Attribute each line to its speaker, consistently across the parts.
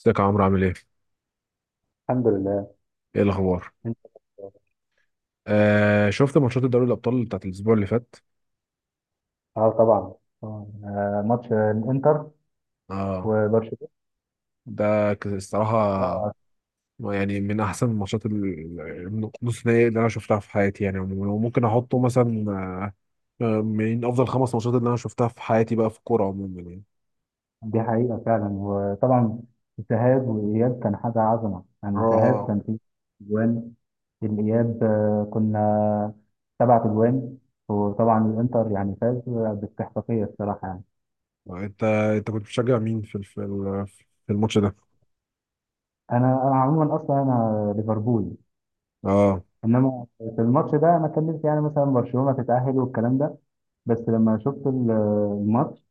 Speaker 1: ازيك يا عمرو، عامل ايه؟
Speaker 2: الحمد لله.
Speaker 1: ايه الاخبار؟
Speaker 2: انت؟
Speaker 1: شفت ماتشات الدوري الابطال بتاعت الاسبوع اللي فات؟
Speaker 2: اه، طبعا. طبعاً. آه، ماتش الانتر
Speaker 1: اه.
Speaker 2: وبرشلونه
Speaker 1: ده الصراحه
Speaker 2: رائع.
Speaker 1: يعني من احسن الماتشات نص نهائي اللي انا شفتها في حياتي يعني عموما. وممكن احطه مثلا من افضل خمس ماتشات اللي انا شفتها في حياتي بقى في الكوره عموما يعني.
Speaker 2: دي حقيقه فعلا، وطبعا الذهاب والاياب كان حاجه عظمه يعني. الذهاب
Speaker 1: اه.
Speaker 2: كان فيه اجوان، الاياب كنا سبعة اجوان، وطبعا الانتر يعني فاز باستحقاقيه الصراحه يعني.
Speaker 1: انت كنت بتشجع مين في الماتش ده؟
Speaker 2: انا عموما، اصلا انا ليفربول،
Speaker 1: اه.
Speaker 2: انما في الماتش ده انا كان نفسي يعني مثلا برشلونه تتاهل والكلام ده. بس لما شفت الماتش،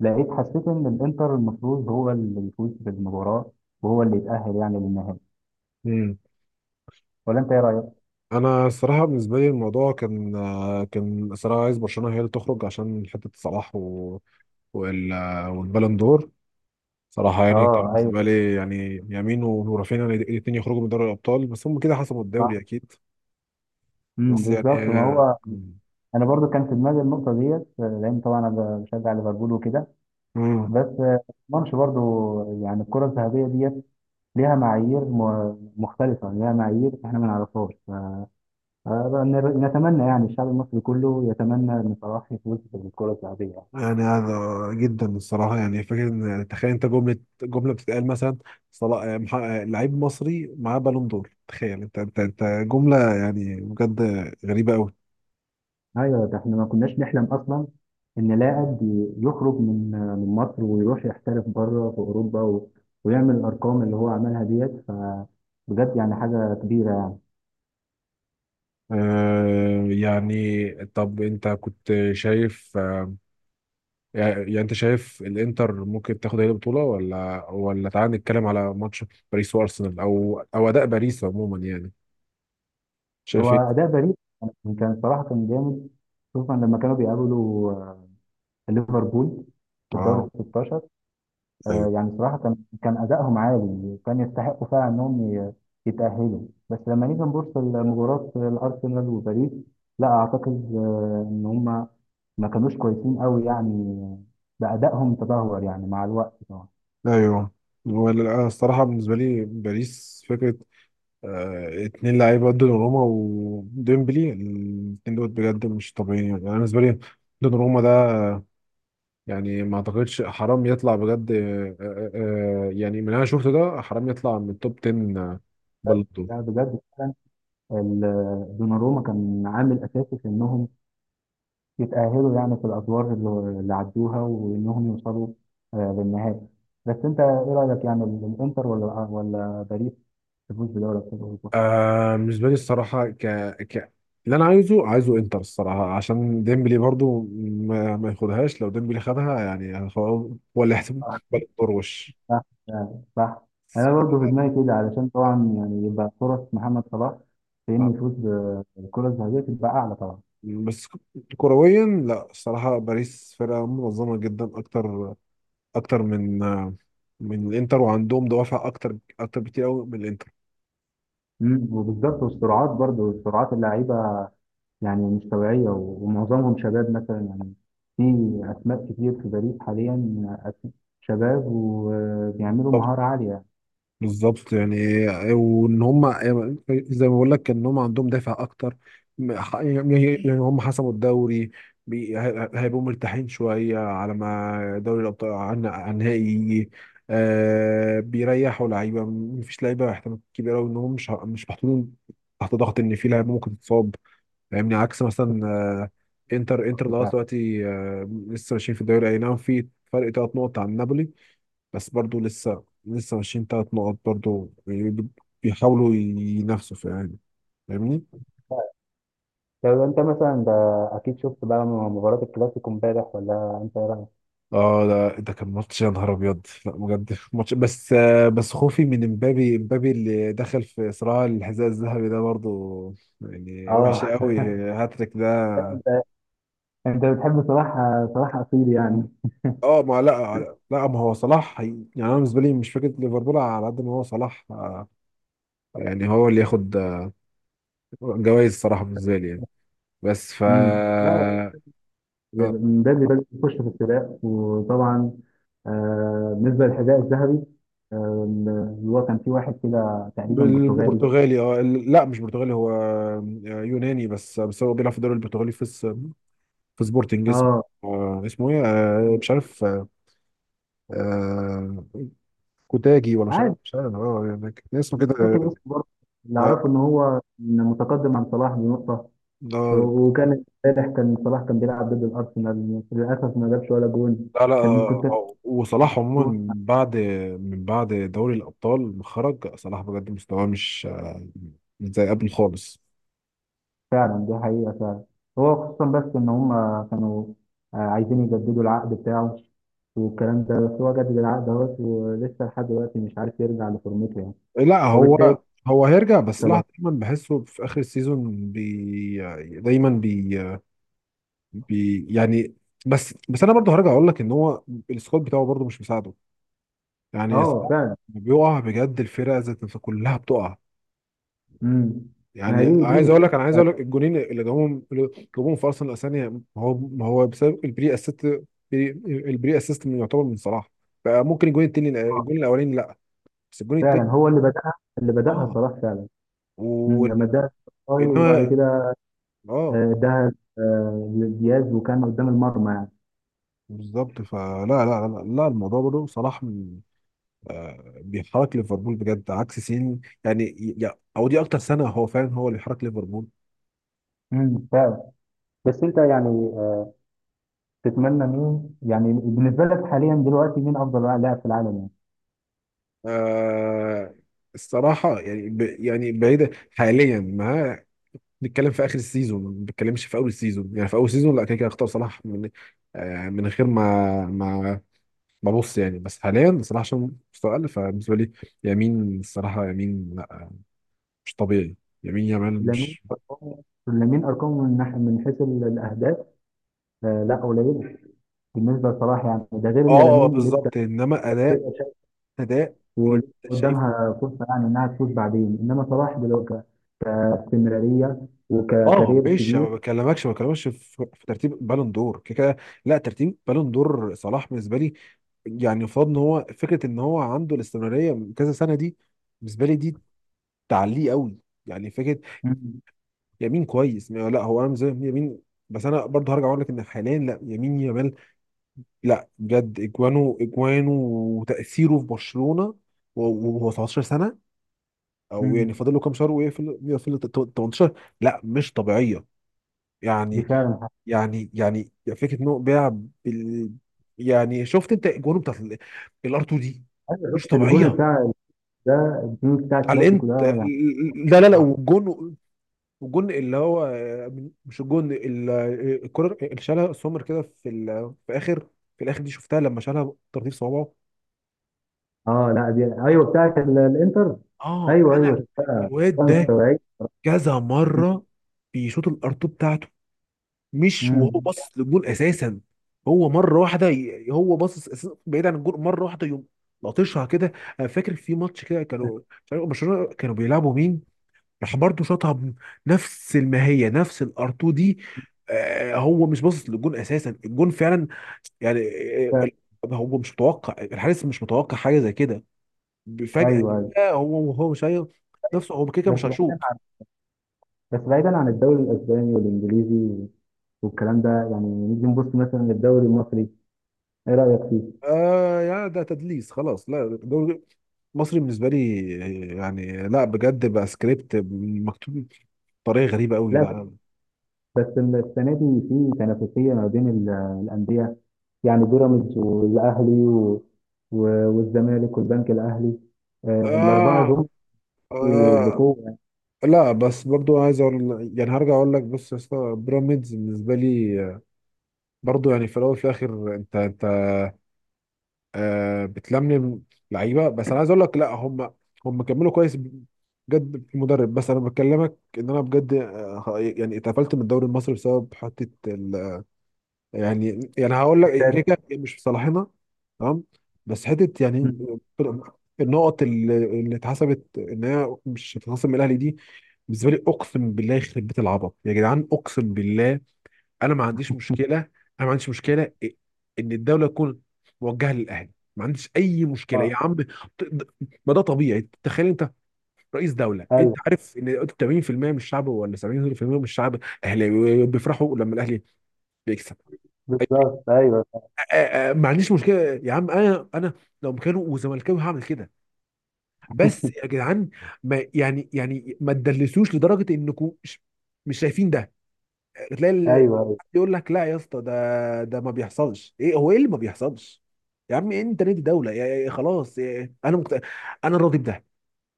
Speaker 2: لقيت، حسيت ان الانتر المفروض هو اللي يفوز بالمباراه وهو اللي يتاهل يعني للنهائي.
Speaker 1: مم.
Speaker 2: ولا انت ايه رايك؟
Speaker 1: انا الصراحه بالنسبه لي الموضوع كان الصراحه عايز برشلونه هي اللي تخرج عشان حته صلاح وال- والبالون دور، صراحة يعني كان
Speaker 2: اه، ايوه،
Speaker 1: بالنسبة لي يعني يمين ورافينيا الاثنين يخرجوا من دوري الأبطال، بس هم كده حسموا الدوري
Speaker 2: صح.
Speaker 1: أكيد. بس
Speaker 2: بالظبط، ما
Speaker 1: يعني
Speaker 2: هو انا برضو كان في دماغي النقطه ديت، لان طبعا انا بشجع ليفربول وكده.
Speaker 1: امم
Speaker 2: بس ما اضمنش برضو يعني الكره الذهبيه ديت ليها معايير مختلفه، ليها معايير احنا ما نعرفهاش. آه، نتمنى يعني، الشعب المصري كله يتمنى ان صلاح يفوز بالكره الذهبيه.
Speaker 1: يعني هذا جدا الصراحة، يعني فكرة إن يعني تخيل أنت، جملة بتتقال مثلا: صلاح، لعيب مصري معاه بالون دور، تخيل أنت جملة يعني بجد غريبة أوي.
Speaker 2: ايوه، ده احنا ما كناش نحلم اصلا ان لاعب يخرج من مصر ويروح يحترف بره في اوروبا، و ويعمل الارقام اللي هو عملها ديت، ف بجد يعني حاجه كبيره يعني.
Speaker 1: يعني طب أنت كنت شايف، يعني انت شايف الانتر ممكن تاخد هي البطوله، ولا تعالى نتكلم على ماتش باريس وارسنال، او اداء باريس عموما، يعني
Speaker 2: هو
Speaker 1: شايف ايه؟
Speaker 2: اداء باريس كان صراحه كان جامد، خصوصا لما كانوا بيقابلوا ليفربول في الدوري
Speaker 1: اه،
Speaker 2: ال 16.
Speaker 1: ايوه،
Speaker 2: يعني صراحة كان أدائهم عالي، كان يستحقوا فعلا إنهم يتأهلوا. بس لما نيجي نبص لمباراة الأرسنال وباريس، لا أعتقد إن هم ما كانوش كويسين قوي يعني، بأدائهم تدهور يعني مع الوقت طبعا.
Speaker 1: ايوه. ولا، لا، الصراحه بالنسبه لي باريس فكره، اتنين لعيبه، دوناروما وديمبلي، الاتنين دول بجد مش طبيعيين. يعني انا بالنسبه لي دوناروما ده يعني ما اعتقدش، حرام يطلع بجد، يعني من اللي انا شفته ده حرام يطلع من توب 10 بلد.
Speaker 2: لا بجد فعلا، دوناروما كان عامل أساسي في إنهم يتأهلوا يعني، في الأدوار اللي عدوها وإنهم يوصلوا للنهائي. بس أنت إيه رأيك يعني، الإنتر ولا باريس تفوز بدوري أبطال أوروبا؟
Speaker 1: بالنسبه لي الصراحه ك... ك اللي انا عايزه انتر الصراحه، عشان ديمبلي برضو ما ياخدهاش، لو ديمبلي خدها يعني هو اللي هيحسب بالون دور وش.
Speaker 2: صح، فعلا، صح. انا برضه في دماغي كده، علشان طبعا يعني يبقى فرص محمد صلاح في انه
Speaker 1: آه،
Speaker 2: يفوز بالكره الذهبيه تبقى اعلى طبعا.
Speaker 1: بس كرويا لا، الصراحه باريس فرقه منظمه جدا اكتر اكتر من الانتر، وعندهم دوافع اكتر اكتر بكتير قوي من الانتر.
Speaker 2: وبالظبط، والسرعات برضه، سرعات اللعيبه يعني مش طبيعيه، ومعظمهم شباب مثلا يعني. في اسماء كتير في باريس حاليا، شباب وبيعملوا مهاره عاليه.
Speaker 1: بالظبط يعني، وان هم زي ما بقول لك ان هم عندهم دافع اكتر، يعني يعني هم حسموا الدوري، هيبقوا مرتاحين شويه على ما دوري الابطال عن النهائي يجي، بيريحوا لعيبه، مفيش لعيبه احتمال كبير قوي ان هم مش محطوطين تحت ضغط ان في لعيبه ممكن تتصاب. يعني عكس مثلا، انتر لغايه
Speaker 2: فعلا.
Speaker 1: دلوقتي لسه ماشيين في الدوري، اي نعم في فرق ثلاث نقط عن نابولي، بس برضو لسه ماشيين تلات نقط برضو، يعني بيحاولوا ينافسوا في يعني، فاهمني؟
Speaker 2: طب انت مثلا ده، اكيد شفت بقى مباراة الكلاسيكو امبارح، ولا انت ايه رايك؟
Speaker 1: اه، ده كان ماتش يا نهار ابيض. لا بجد ماتش، بس خوفي من امبابي اللي دخل في صراع الحذاء الذهبي ده، برضو يعني وحش
Speaker 2: اه.
Speaker 1: قوي، هاتريك ده.
Speaker 2: لا انت بتحب صلاح، صلاح اصيل يعني.
Speaker 1: اه، ما لا لا، ما هو صلاح، يعني انا بالنسبه لي مش فكره ليفربول على قد ما هو صلاح، يعني هو اللي ياخد جوائز الصراحه بالنسبه لي يعني، بس ف
Speaker 2: لا،
Speaker 1: آه،
Speaker 2: من بدري بدري يخش في السباق، وطبعا بالنسبه للحذاء الذهبي آه، اللي هو كان في واحد كده تقريبا برتغالي.
Speaker 1: بالبرتغالي. اه لا مش برتغالي، هو يوناني، بس هو بيلعب في الدوري البرتغالي في سبورتنج اسمه.
Speaker 2: اه،
Speaker 1: ايه، مش عارف، آه، كوتاجي ولا مش عارف
Speaker 2: عادي،
Speaker 1: مش عارف اه يعني كان اسمه
Speaker 2: مش
Speaker 1: كده،
Speaker 2: فاكر اسمه
Speaker 1: آه،
Speaker 2: برضه. اللي
Speaker 1: آه،
Speaker 2: اعرفه ان هو إن متقدم عن صلاح بنقطه،
Speaker 1: لا
Speaker 2: وكان امبارح كان صلاح كان بيلعب ضد الارسنال للاسف، ما جابش ولا جون.
Speaker 1: لا
Speaker 2: كان
Speaker 1: آه،
Speaker 2: كنت
Speaker 1: آه، وصلاح عموما
Speaker 2: جون.
Speaker 1: من بعد دوري الابطال ما خرج صلاح، بجد مستواه مش زي قبل خالص.
Speaker 2: فعلا، دي حقيقة فعلا. هو خصوصا بس إن هم كانوا عايزين يجددوا العقد بتاعه والكلام ده، بس هو جدد العقد اهوت ولسه لحد دلوقتي مش عارف يرجع لفورمته يعني.
Speaker 1: لا
Speaker 2: وبالتالي
Speaker 1: هو هيرجع، بس صلاح
Speaker 2: ده،
Speaker 1: دايما بحسه في اخر السيزون، بي دايما بي بي يعني. بس انا برضه هرجع اقول لك ان هو السكواد بتاعه برضه مش مساعده، يعني
Speaker 2: اه
Speaker 1: صلاح
Speaker 2: فعلا.
Speaker 1: بيقع بجد، الفرقه ذات نفسها كلها بتقع.
Speaker 2: امم ما هي
Speaker 1: يعني
Speaker 2: دي، مش
Speaker 1: عايز اقول لك الجونين اللي جابهم في ارسنال الثانيه، هو ما هو بسبب البري اسيست، من يعتبر من صلاح. بقى ممكن الجون التاني،
Speaker 2: آه،
Speaker 1: الجون الاولاني لا، بس الجون
Speaker 2: فعلا.
Speaker 1: التاني
Speaker 2: هو اللي بدأها، اللي بدأها
Speaker 1: اه
Speaker 2: صلاح فعلا. مم. لما اداها صلاح وبعد
Speaker 1: وانما
Speaker 2: كده
Speaker 1: اه
Speaker 2: اداها لدياز، وكان قدام المرمى يعني.
Speaker 1: بالظبط. فلا لا لا لا، الموضوع برضه صلاح بيحرك ليفربول بجد عكس سيني يعني، ي- او دي اكتر سنه هو فعلا هو اللي بيحرك ليفربول.
Speaker 2: فعلا. بس انت يعني تتمنى مين يعني، بالنسبة لك حاليا دلوقتي مين افضل لاعب في العالم يعني؟
Speaker 1: آه الصراحه يعني يعني بعيده حاليا ما نتكلم في اخر السيزون، ما بنتكلمش في اول السيزون، يعني في اول السيزون لا كده كده اختار صلاح، من غير ما ابص يعني. بس حاليا صلاح عشان مستوى اقل، فبالنسبه لي يمين الصراحه، يمين لا مش طبيعي، يمين يامال مش
Speaker 2: لامين ارقامه من ناحيه، من حيث الاهداف لا قليل بالنسبه لصلاح يعني. ده غير ان
Speaker 1: اه
Speaker 2: لامين لسه
Speaker 1: بالظبط، انما اداء
Speaker 2: فرقة شاب
Speaker 1: اداء في-
Speaker 2: ولسه
Speaker 1: شايفه.
Speaker 2: قدامها فرصه يعني انها تفوز بعدين، انما صلاح دلوقتي كاستمراريه
Speaker 1: اه
Speaker 2: وككارير
Speaker 1: مش، ما
Speaker 2: كبير.
Speaker 1: بكلمكش ما بكلمكش في ترتيب بالون دور، لا ترتيب بالون دور صلاح بالنسبه لي يعني يفرض ان هو فكره، ان هو عنده الاستمراريه من كذا سنه دي، بالنسبه لي دي تعليق قوي يعني فكره.
Speaker 2: مم.
Speaker 1: يمين كويس، لا هو انا بالنسبه لي يمين. بس انا برضه هرجع اقول لك ان حاليا لا يمين يامال، لا بجد، اجوانه اجوانه وتاثيره في برشلونه وهو 17 سنه، او
Speaker 2: مم.
Speaker 1: يعني فاضل له كام شهر يقفل 18، لا مش طبيعيه
Speaker 2: دي
Speaker 1: يعني.
Speaker 2: فعلا حاجة.
Speaker 1: يعني يعني فكره انه بيع بال... يعني شفت انت الجون بتاعت الار 2 دي،
Speaker 2: أيوة،
Speaker 1: مش
Speaker 2: شفت الجون
Speaker 1: طبيعيه.
Speaker 2: بتاع ده، الجون بتاع
Speaker 1: على
Speaker 2: الكلاسيكو
Speaker 1: انت،
Speaker 2: ده يعني،
Speaker 1: لا لا لا،
Speaker 2: صراحه.
Speaker 1: والجون، اللي هو، مش الجون، الكره اللي شالها سومر كده في ال... في اخر في الاخر دي، شفتها لما شالها ترتيب صوابعه.
Speaker 2: اه، لا، دي ايوه بتاعت الانتر.
Speaker 1: اه
Speaker 2: ايوه،
Speaker 1: انا
Speaker 2: ايوه، شفتها،
Speaker 1: الواد
Speaker 2: شفتها مش
Speaker 1: ده
Speaker 2: طبيعيه.
Speaker 1: كذا
Speaker 2: مم.
Speaker 1: مره بيشوط الار 2 بتاعته مش وهو
Speaker 2: مم.
Speaker 1: باصص للجون اساسا، هو مره واحده، هو باصص أساساً بعيد عن الجون، مره واحده يقوم لطشها كده. انا فاكر في ماتش كده كانوا مش عارف برشلونه كانوا بيلعبوا مين، راح برضه شاطها بنفس الماهيه، نفس الار 2 دي. هو مش باصص للجون اساسا، الجون فعلا يعني، آه،
Speaker 2: شفتها.
Speaker 1: ال- هو مش متوقع، الحارس مش متوقع حاجه زي كده فجاه،
Speaker 2: ايوه، ايوه.
Speaker 1: كده هو مش، نفسه هو كده كده
Speaker 2: بس
Speaker 1: مش هيشوط.
Speaker 2: بس بعيدا عن الدوري الاسباني والانجليزي والكلام ده يعني، نيجي نبص مثلا للدوري المصري، ايه رايك فيه؟
Speaker 1: يا ده تدليس خلاص. لا مصري بالنسبه لي يعني، لا بجد بقى سكريبت مكتوب بطريقه غريبه قوي.
Speaker 2: لا،
Speaker 1: لا،
Speaker 2: بس السنه دي في تنافسيه ما بين الانديه يعني، بيراميدز والاهلي والزمالك والبنك الاهلي، الاربعه
Speaker 1: آه
Speaker 2: دول
Speaker 1: آه
Speaker 2: بقوه يعني.
Speaker 1: لا، بس برضو عايز اقول يعني، هرجع اقول لك بص يا اسطى، بيراميدز بالنسبه لي، برضو يعني في الاول وفي الاخر انت بتلملم لعيبه. بس انا عايز اقول لك لا، هم كملوا كويس بجد في المدرب. بس انا بكلمك ان انا بجد يعني اتقفلت من الدوري المصري بسبب حته يعني يعني هقول لك
Speaker 2: السادس.
Speaker 1: كده كده هي مش في صالحنا، تمام، بس حته يعني
Speaker 2: مم.
Speaker 1: النقط اللي اتحسبت ان هي مش هتتخصم من الاهلي دي، بالنسبه لي اقسم بالله يخرب بيت العبط يا جدعان. اقسم بالله، انا ما عنديش مشكله، انا ما عنديش مشكله ان الدوله تكون موجهه للاهلي، ما عنديش اي مشكله يا
Speaker 2: اه،
Speaker 1: عم. ما ده طبيعي، تخيل انت رئيس دوله، انت
Speaker 2: ايوه،
Speaker 1: عارف ان 80% من الشعب ولا 70% من الشعب اهلاوي، بيفرحوا لما الاهلي بيكسب.
Speaker 2: بالظبط، ايوه،
Speaker 1: ما عنديش مشكله يا عم، انا لو مكانه وزملكاوي هعمل كده. بس يا جدعان، ما يعني يعني ما تدلسوش لدرجه انكم مش مش شايفين ده، تلاقي
Speaker 2: ايوه، ايوه،
Speaker 1: يقول لك لا يا اسطى، ده ما بيحصلش. ايه هو، ايه اللي ما بيحصلش يا عم؟ انت نادي دوله، يا خلاص. يا انا انا راضي بده،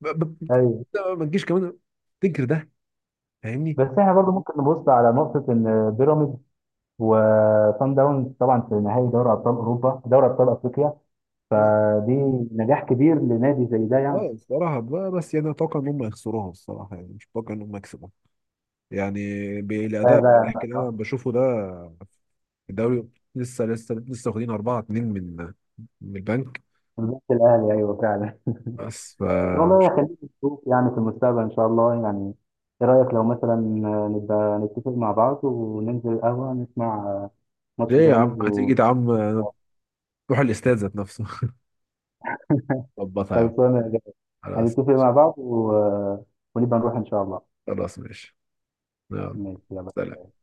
Speaker 1: ب- ب-
Speaker 2: ايوه.
Speaker 1: ما تجيش كمان تنكر ده، فاهمني؟
Speaker 2: بس احنا برضو ممكن نبص على نقطه ان بيراميدز وصن داونز طبعا في نهائي دوري ابطال اوروبا، دوري ابطال افريقيا،
Speaker 1: اه،
Speaker 2: فدي نجاح كبير لنادي زي ده يعني.
Speaker 1: الصراحه بس يعني اتوقع ان هم يخسروها الصراحه، يعني مش اتوقع ان هم يكسبوها يعني،
Speaker 2: لا،
Speaker 1: بالاداء الضحك اللي
Speaker 2: لا،
Speaker 1: انا بشوفه ده. الدوري، لسه واخدين 4-2 من البنك،
Speaker 2: بالذات الاهلي، ايوه فعلا.
Speaker 1: بس
Speaker 2: والله
Speaker 1: فمش.
Speaker 2: خلينا نشوف يعني في المستقبل ان شاء الله يعني. ايه رايك لو مثلا نبقى نتفق مع بعض وننزل القهوه نسمع ماتش
Speaker 1: ليه يا عم،
Speaker 2: بيراميدز
Speaker 1: هتيجي يا عم؟ روح الاستاد ذات نفسه ظبطها يا عم.
Speaker 2: وخلصانه.
Speaker 1: خلاص.
Speaker 2: هنتفق مع بعض، و ونبقى نروح ان شاء الله.
Speaker 1: خلاص ماشي. يلا.
Speaker 2: ماشي يلا.
Speaker 1: سلام.